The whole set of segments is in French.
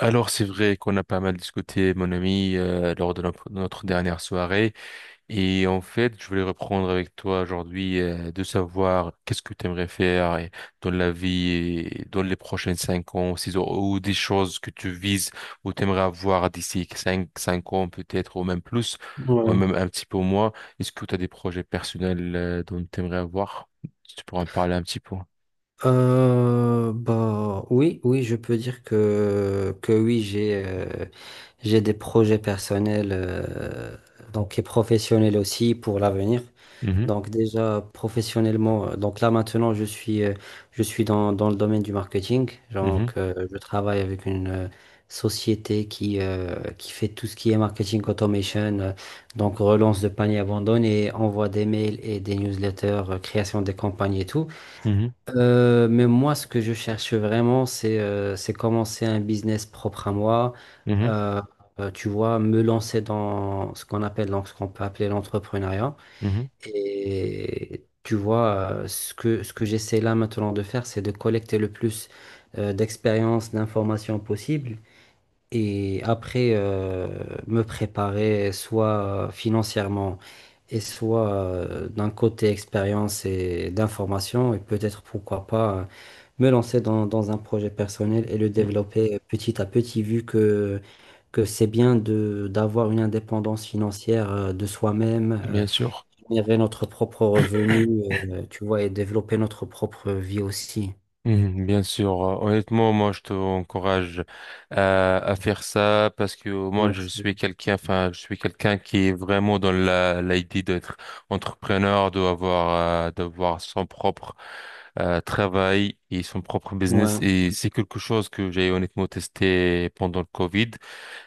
Alors c'est vrai qu'on a pas mal discuté, mon ami, lors de notre dernière soirée. Et en fait, je voulais reprendre avec toi aujourd'hui de savoir qu'est-ce que tu aimerais faire dans la vie, et dans les prochains 5 ans, 6 ans, ou des choses que tu vises ou tu aimerais avoir d'ici cinq ans peut-être, ou même plus, ou Ouais. même un petit peu moins. Est-ce que tu as des projets personnels dont tu aimerais avoir? Si tu pourras en parler un petit peu. Bah oui, oui, je peux dire que oui, j'ai des projets personnels donc et professionnels aussi pour l'avenir. Mhm, Donc déjà professionnellement, donc là maintenant je suis dans le domaine du marketing. mhm, Donc je travaille avec une société qui qui fait tout ce qui est marketing automation, donc relance de panier abandonné, envoi des mails et des newsletters, création des campagnes et tout. mhm, Mais moi, ce que je cherche vraiment, c'est commencer un business propre à moi. mhm, Euh, Tu vois, me lancer dans ce qu'on appelle, donc, ce qu'on peut appeler l'entrepreneuriat. mhm, Et tu vois, ce que j'essaie là maintenant de faire, c'est de collecter le plus d'expériences, d'informations possibles. Et après, me préparer soit financièrement et soit d'un côté expérience et d'information, et peut-être pourquoi pas me lancer dans un projet personnel et le mhm. développer petit à petit, vu que c'est bien de d'avoir une indépendance financière de soi-même, Bien sûr. générer notre propre revenu, tu vois, et développer notre propre vie aussi. Mhm, bien sûr. Honnêtement, moi je te encourage à faire ça parce que moi je Merci. suis quelqu'un, enfin je suis quelqu'un qui est vraiment dans la l'idée d'être entrepreneur, d'avoir son propre travail et son propre business, Ouais, et c'est quelque chose que j'ai honnêtement testé pendant le Covid.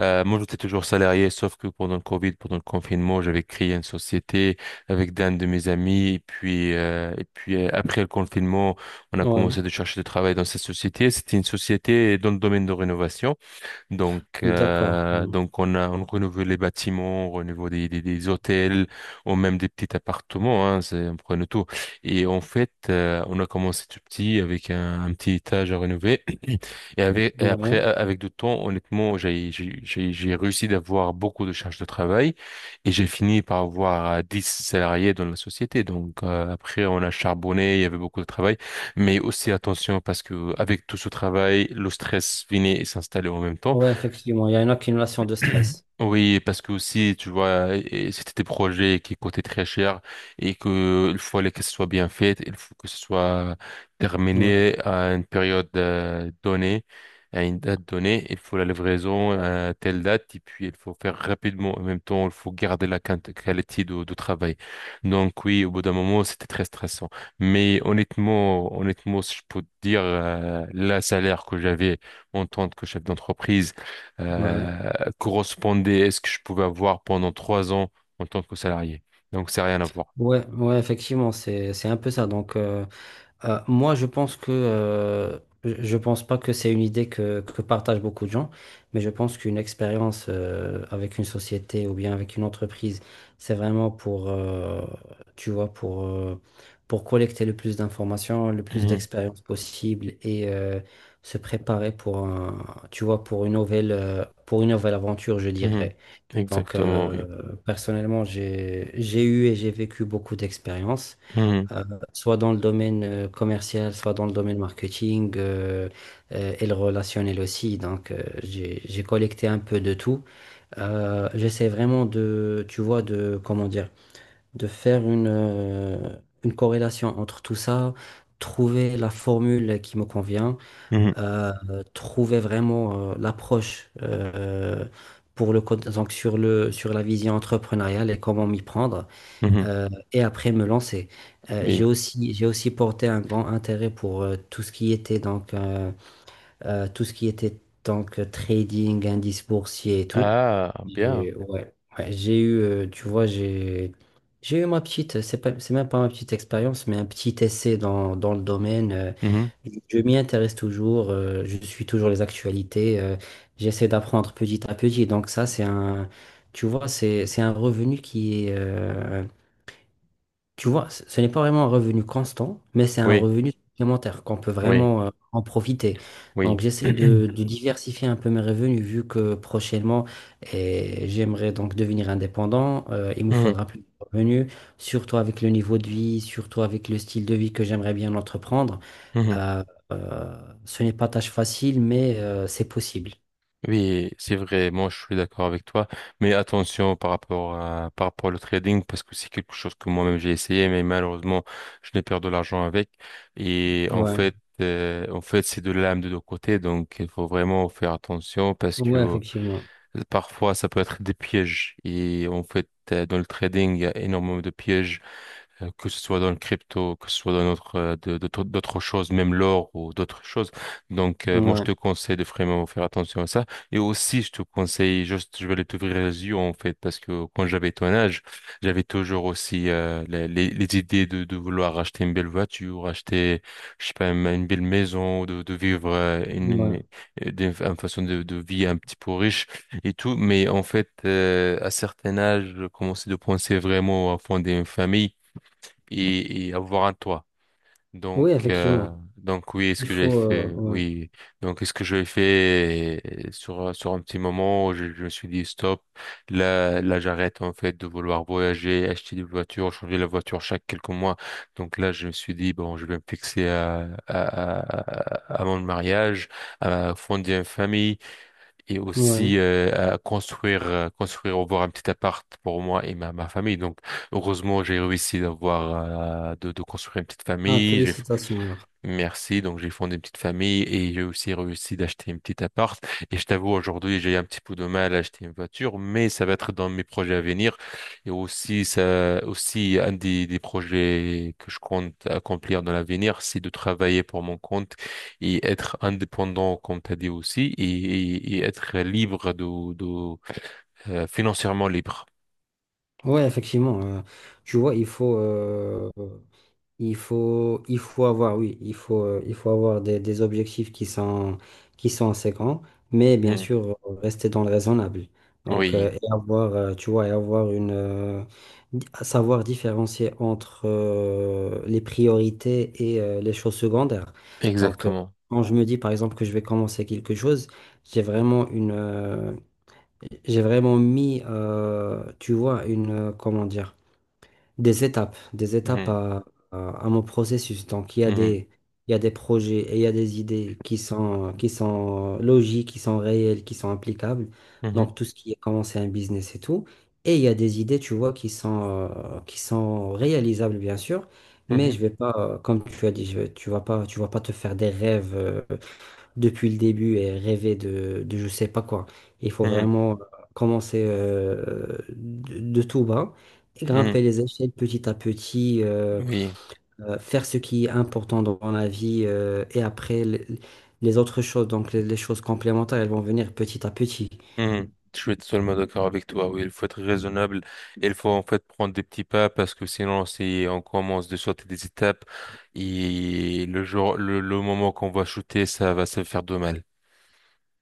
Moi, j'étais toujours salarié, sauf que pendant le Covid, pendant le confinement, j'avais créé une société avec d'un de mes amis. Et puis, après le confinement, on a ouais, commencé de chercher du travail dans cette société. C'était une société dans le domaine de rénovation. Donc, d'accord. euh, donc on renouvelle les bâtiments, on renouvelle des hôtels, ou même des petits appartements, hein, on prenne tout. Et en fait, on a commencé tout petit avec un petit étage à rénover. Et après, Ouais, avec du temps, honnêtement, j'ai réussi d'avoir beaucoup de charges de travail, et j'ai fini par avoir 10 salariés dans la société. Donc, après, on a charbonné, il y avait beaucoup de travail. Mais aussi attention, parce que avec tout ce travail, le stress venait et s'installait en même temps. ouais, effectivement, il y a une accumulation de stress. Oui, parce que aussi, tu vois, et c'était des projets qui coûtaient très cher et que il fallait que ce soit bien fait, il faut que ce soit Ouais, terminé à une période donnée, à une date donnée, il faut la livraison à telle date et puis il faut faire rapidement. En même temps, il faut garder la qualité de travail. Donc oui, au bout d'un moment, c'était très stressant. Mais honnêtement, honnêtement, si je peux te dire, le salaire que j'avais en tant que chef d'entreprise ouais, euh, correspondait à ce que je pouvais avoir pendant 3 ans en tant que salarié. Donc, c'est rien à voir. ouais, ouais, effectivement, c'est un peu ça. Donc, moi, je pense que je pense pas que c'est une idée que partagent beaucoup de gens, mais je pense qu'une expérience avec une société ou bien avec une entreprise, c'est vraiment tu vois, pour collecter le plus d'informations, le plus Mhm, d'expériences possible et se préparer pour un, tu vois, pour pour une nouvelle aventure, je mhm. dirais. Donc, Exactement, oui. personnellement, j'ai eu et j'ai vécu beaucoup d'expériences Mhm, euh, soit dans le domaine commercial, soit dans le domaine marketing et le relationnel aussi. Donc, j'ai collecté un peu de tout. J'essaie vraiment de, tu vois, de, comment dire, de faire une corrélation entre tout ça, trouver la formule qui me convient, mhm, euh, trouver vraiment l'approche. Pour le, donc sur le, sur la vision entrepreneuriale et comment m'y prendre mhm. Et après me lancer. Oui. J'ai aussi porté un grand intérêt pour tout ce qui était donc, tout ce qui était donc trading, indice boursier et tout. Ah, bien. J'ai, ouais, ouais, tu vois, j'ai eu ma petite, c'est pas, c'est même pas ma petite expérience, mais un petit essai dans le domaine. Mhm. Je m'y intéresse toujours, je suis toujours les actualités, j'essaie d'apprendre petit à petit. Donc ça, c'est un, tu vois, c'est un revenu tu vois, ce n'est pas vraiment un revenu constant, mais c'est un Oui, revenu supplémentaire qu'on peut oui, vraiment en profiter. Donc, oui. j'essaie de diversifier un peu mes revenus vu que prochainement, j'aimerais donc devenir indépendant. Il me Mhm, faudra plus de revenus, surtout avec le niveau de vie, surtout avec le style de vie que j'aimerais bien entreprendre. mhm. Euh, Ce n'est pas tâche facile, mais c'est possible. Oui, c'est vrai, moi je suis d'accord avec toi, mais attention par rapport au trading, parce que c'est quelque chose que moi-même j'ai essayé, mais malheureusement je n'ai perdu de l'argent avec. Et en Ouais, fait, euh, en fait c'est de l'âme de deux côtés, donc il faut vraiment faire attention parce ouais, que effectivement. Parfois ça peut être des pièges. Et en fait, dans le trading, il y a énormément de pièges que ce soit dans le crypto, que ce soit dans d'autres choses, même l'or ou d'autres choses. Donc, moi, je Ouais, te conseille de vraiment faire attention à ça. Et aussi, je te conseille, juste, je vais t'ouvrir les yeux, en fait, parce que quand j'avais ton âge, j'avais toujours aussi les idées de vouloir acheter une belle voiture, acheter, je sais pas, une belle maison, de vivre ouais. Une façon de vie un petit peu riche et tout. Mais en fait, à certain âge, je commençais de penser vraiment à fonder une famille et avoir un toit. Donc, Oui, euh, effectivement. donc oui, ce Il que j'ai faut. Fait, Ouais. oui. Donc, ce que j'ai fait sur un petit moment, je me suis dit stop. Là, j'arrête en fait de vouloir voyager, acheter des voitures, changer la voiture chaque quelques mois. Donc là, je me suis dit bon, je vais me fixer à mon mariage, à fonder une famille et Ouais. aussi à construire, avoir un petit appart pour moi et ma famille. Donc, heureusement, j'ai réussi de construire une petite Ah, famille. J'ai félicitations alors. Merci. Donc, j'ai fondé une petite famille et j'ai aussi réussi d'acheter une petite appart. Et je t'avoue, aujourd'hui, j'ai un petit peu de mal à acheter une voiture, mais ça va être dans mes projets à venir. Et aussi, ça, aussi, un des projets que je compte accomplir dans l'avenir, c'est de travailler pour mon compte et être indépendant, comme tu as dit aussi, et, et être libre financièrement libre. Ouais, effectivement. Tu vois, il faut avoir, oui, il faut avoir des objectifs qui sont séquents, mais bien Mhm. sûr, rester dans le raisonnable. Donc, Oui, tu vois, et avoir savoir différencier entre les priorités et les choses secondaires. Donc, exactement. quand je me dis, par exemple, que je vais commencer quelque chose, j'ai vraiment une, euh, j'ai vraiment mis, tu vois, comment dire, des étapes Mhm. À mon processus. Donc, Mhm. Il y a des projets et il y a des idées qui sont logiques, qui sont réelles, qui sont applicables. Mhm. Donc, tout ce qui est commencer un business et tout. Et il y a des idées, tu vois, qui sont réalisables, bien sûr. Mais Mhm. je vais pas, comme tu as dit, tu vas pas te faire des rêves. Depuis le début et rêver de je sais pas quoi. Il faut Mhm. vraiment commencer de tout bas, et Mhm. grimper les échelles petit à petit, Oui. Faire ce qui est important dans la vie et après les autres choses, donc les choses complémentaires, elles vont venir petit à petit. Mhm. Je suis totalement d'accord avec toi. Oui, il faut être raisonnable. Il faut en fait prendre des petits pas parce que sinon, si on commence de sauter des étapes, et le jour, le moment qu'on va shooter, ça va se faire de mal.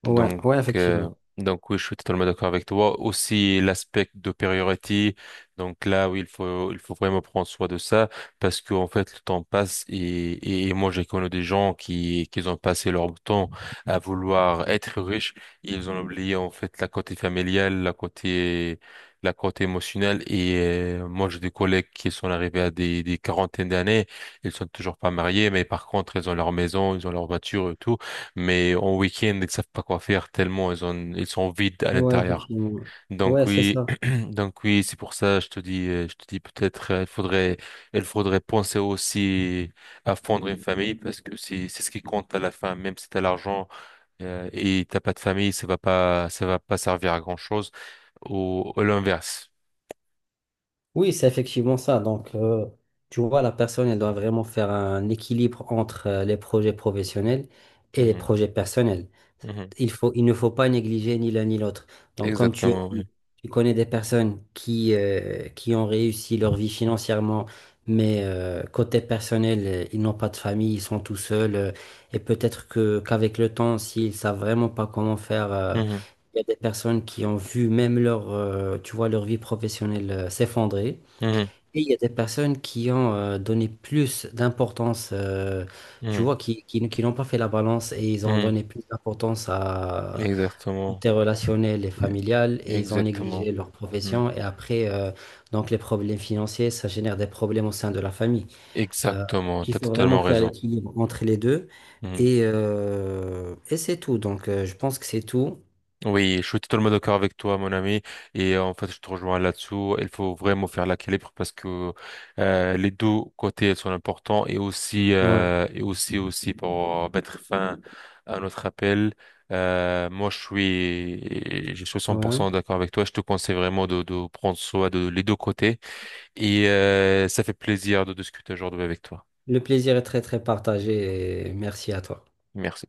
Ouais, Donc, ouais, euh, effectivement. donc oui, je suis totalement d'accord avec toi. Aussi l'aspect de priorité. Donc là, oui, il faut vraiment prendre soin de ça parce qu'en fait, le temps passe, et, et moi, j'ai connu des gens qui ont passé leur temps à vouloir être riches. Ils ont oublié en fait la côté familiale, la côté émotionnelle. Moi, j'ai des collègues qui sont arrivés à des quarantaines d'années. Ils sont toujours pas mariés, mais par contre, ils ont leur maison, ils ont leur voiture et tout, mais en week-end, ils savent pas quoi faire tellement ils sont vides à Ouais, l'intérieur. effectivement. Donc Ouais, c'est oui, ça. donc oui, c'est pour ça, je te dis peut-être, il faudrait penser aussi à fondre une famille parce que c'est ce qui compte à la fin, même si t'as l'argent, et t'as pas de famille, ça va pas servir à grand-chose, ou, l'inverse. Oui, c'est effectivement ça. Donc, tu vois, la personne, elle doit vraiment faire un équilibre entre les projets professionnels et les Mhm, projets personnels. mhm. Il ne faut pas négliger ni l'un ni l'autre. Donc, comme tu as Exactement, oui. dit, tu connais des personnes qui ont réussi leur vie financièrement, mais côté personnel, ils n'ont pas de famille, ils sont tout seuls. Et peut-être que qu'avec le temps, s'ils savent vraiment pas comment faire, Mhm, il y a des personnes qui ont vu même tu vois, leur vie professionnelle s'effondrer. mhm, Et il y a des personnes qui ont donné plus d'importance, tu mhm, vois, qui n'ont pas fait la balance et ils ont mhm. donné plus d'importance à Exactement, côté relationnel et familial et ils ont exactement. négligé leur Mhm. profession. Et après, donc les problèmes financiers, ça génère des problèmes au sein de la famille. Euh, Exactement, il t'as faut vraiment totalement faire raison. l'équilibre entre les deux. Mhm. Et c'est tout. Donc, je pense que c'est tout. Oui, je suis totalement d'accord avec toi, mon ami. En fait, je te rejoins là-dessous. Il faut vraiment faire l'équilibre parce que les deux côtés sont importants, et aussi Ouais, et aussi pour mettre fin à notre appel. Moi, je suis ouais. 100% d'accord avec toi. Je te conseille vraiment de prendre soin de les deux côtés, et ça fait plaisir de discuter aujourd'hui avec toi. Le plaisir est très, très partagé et merci à toi. Merci.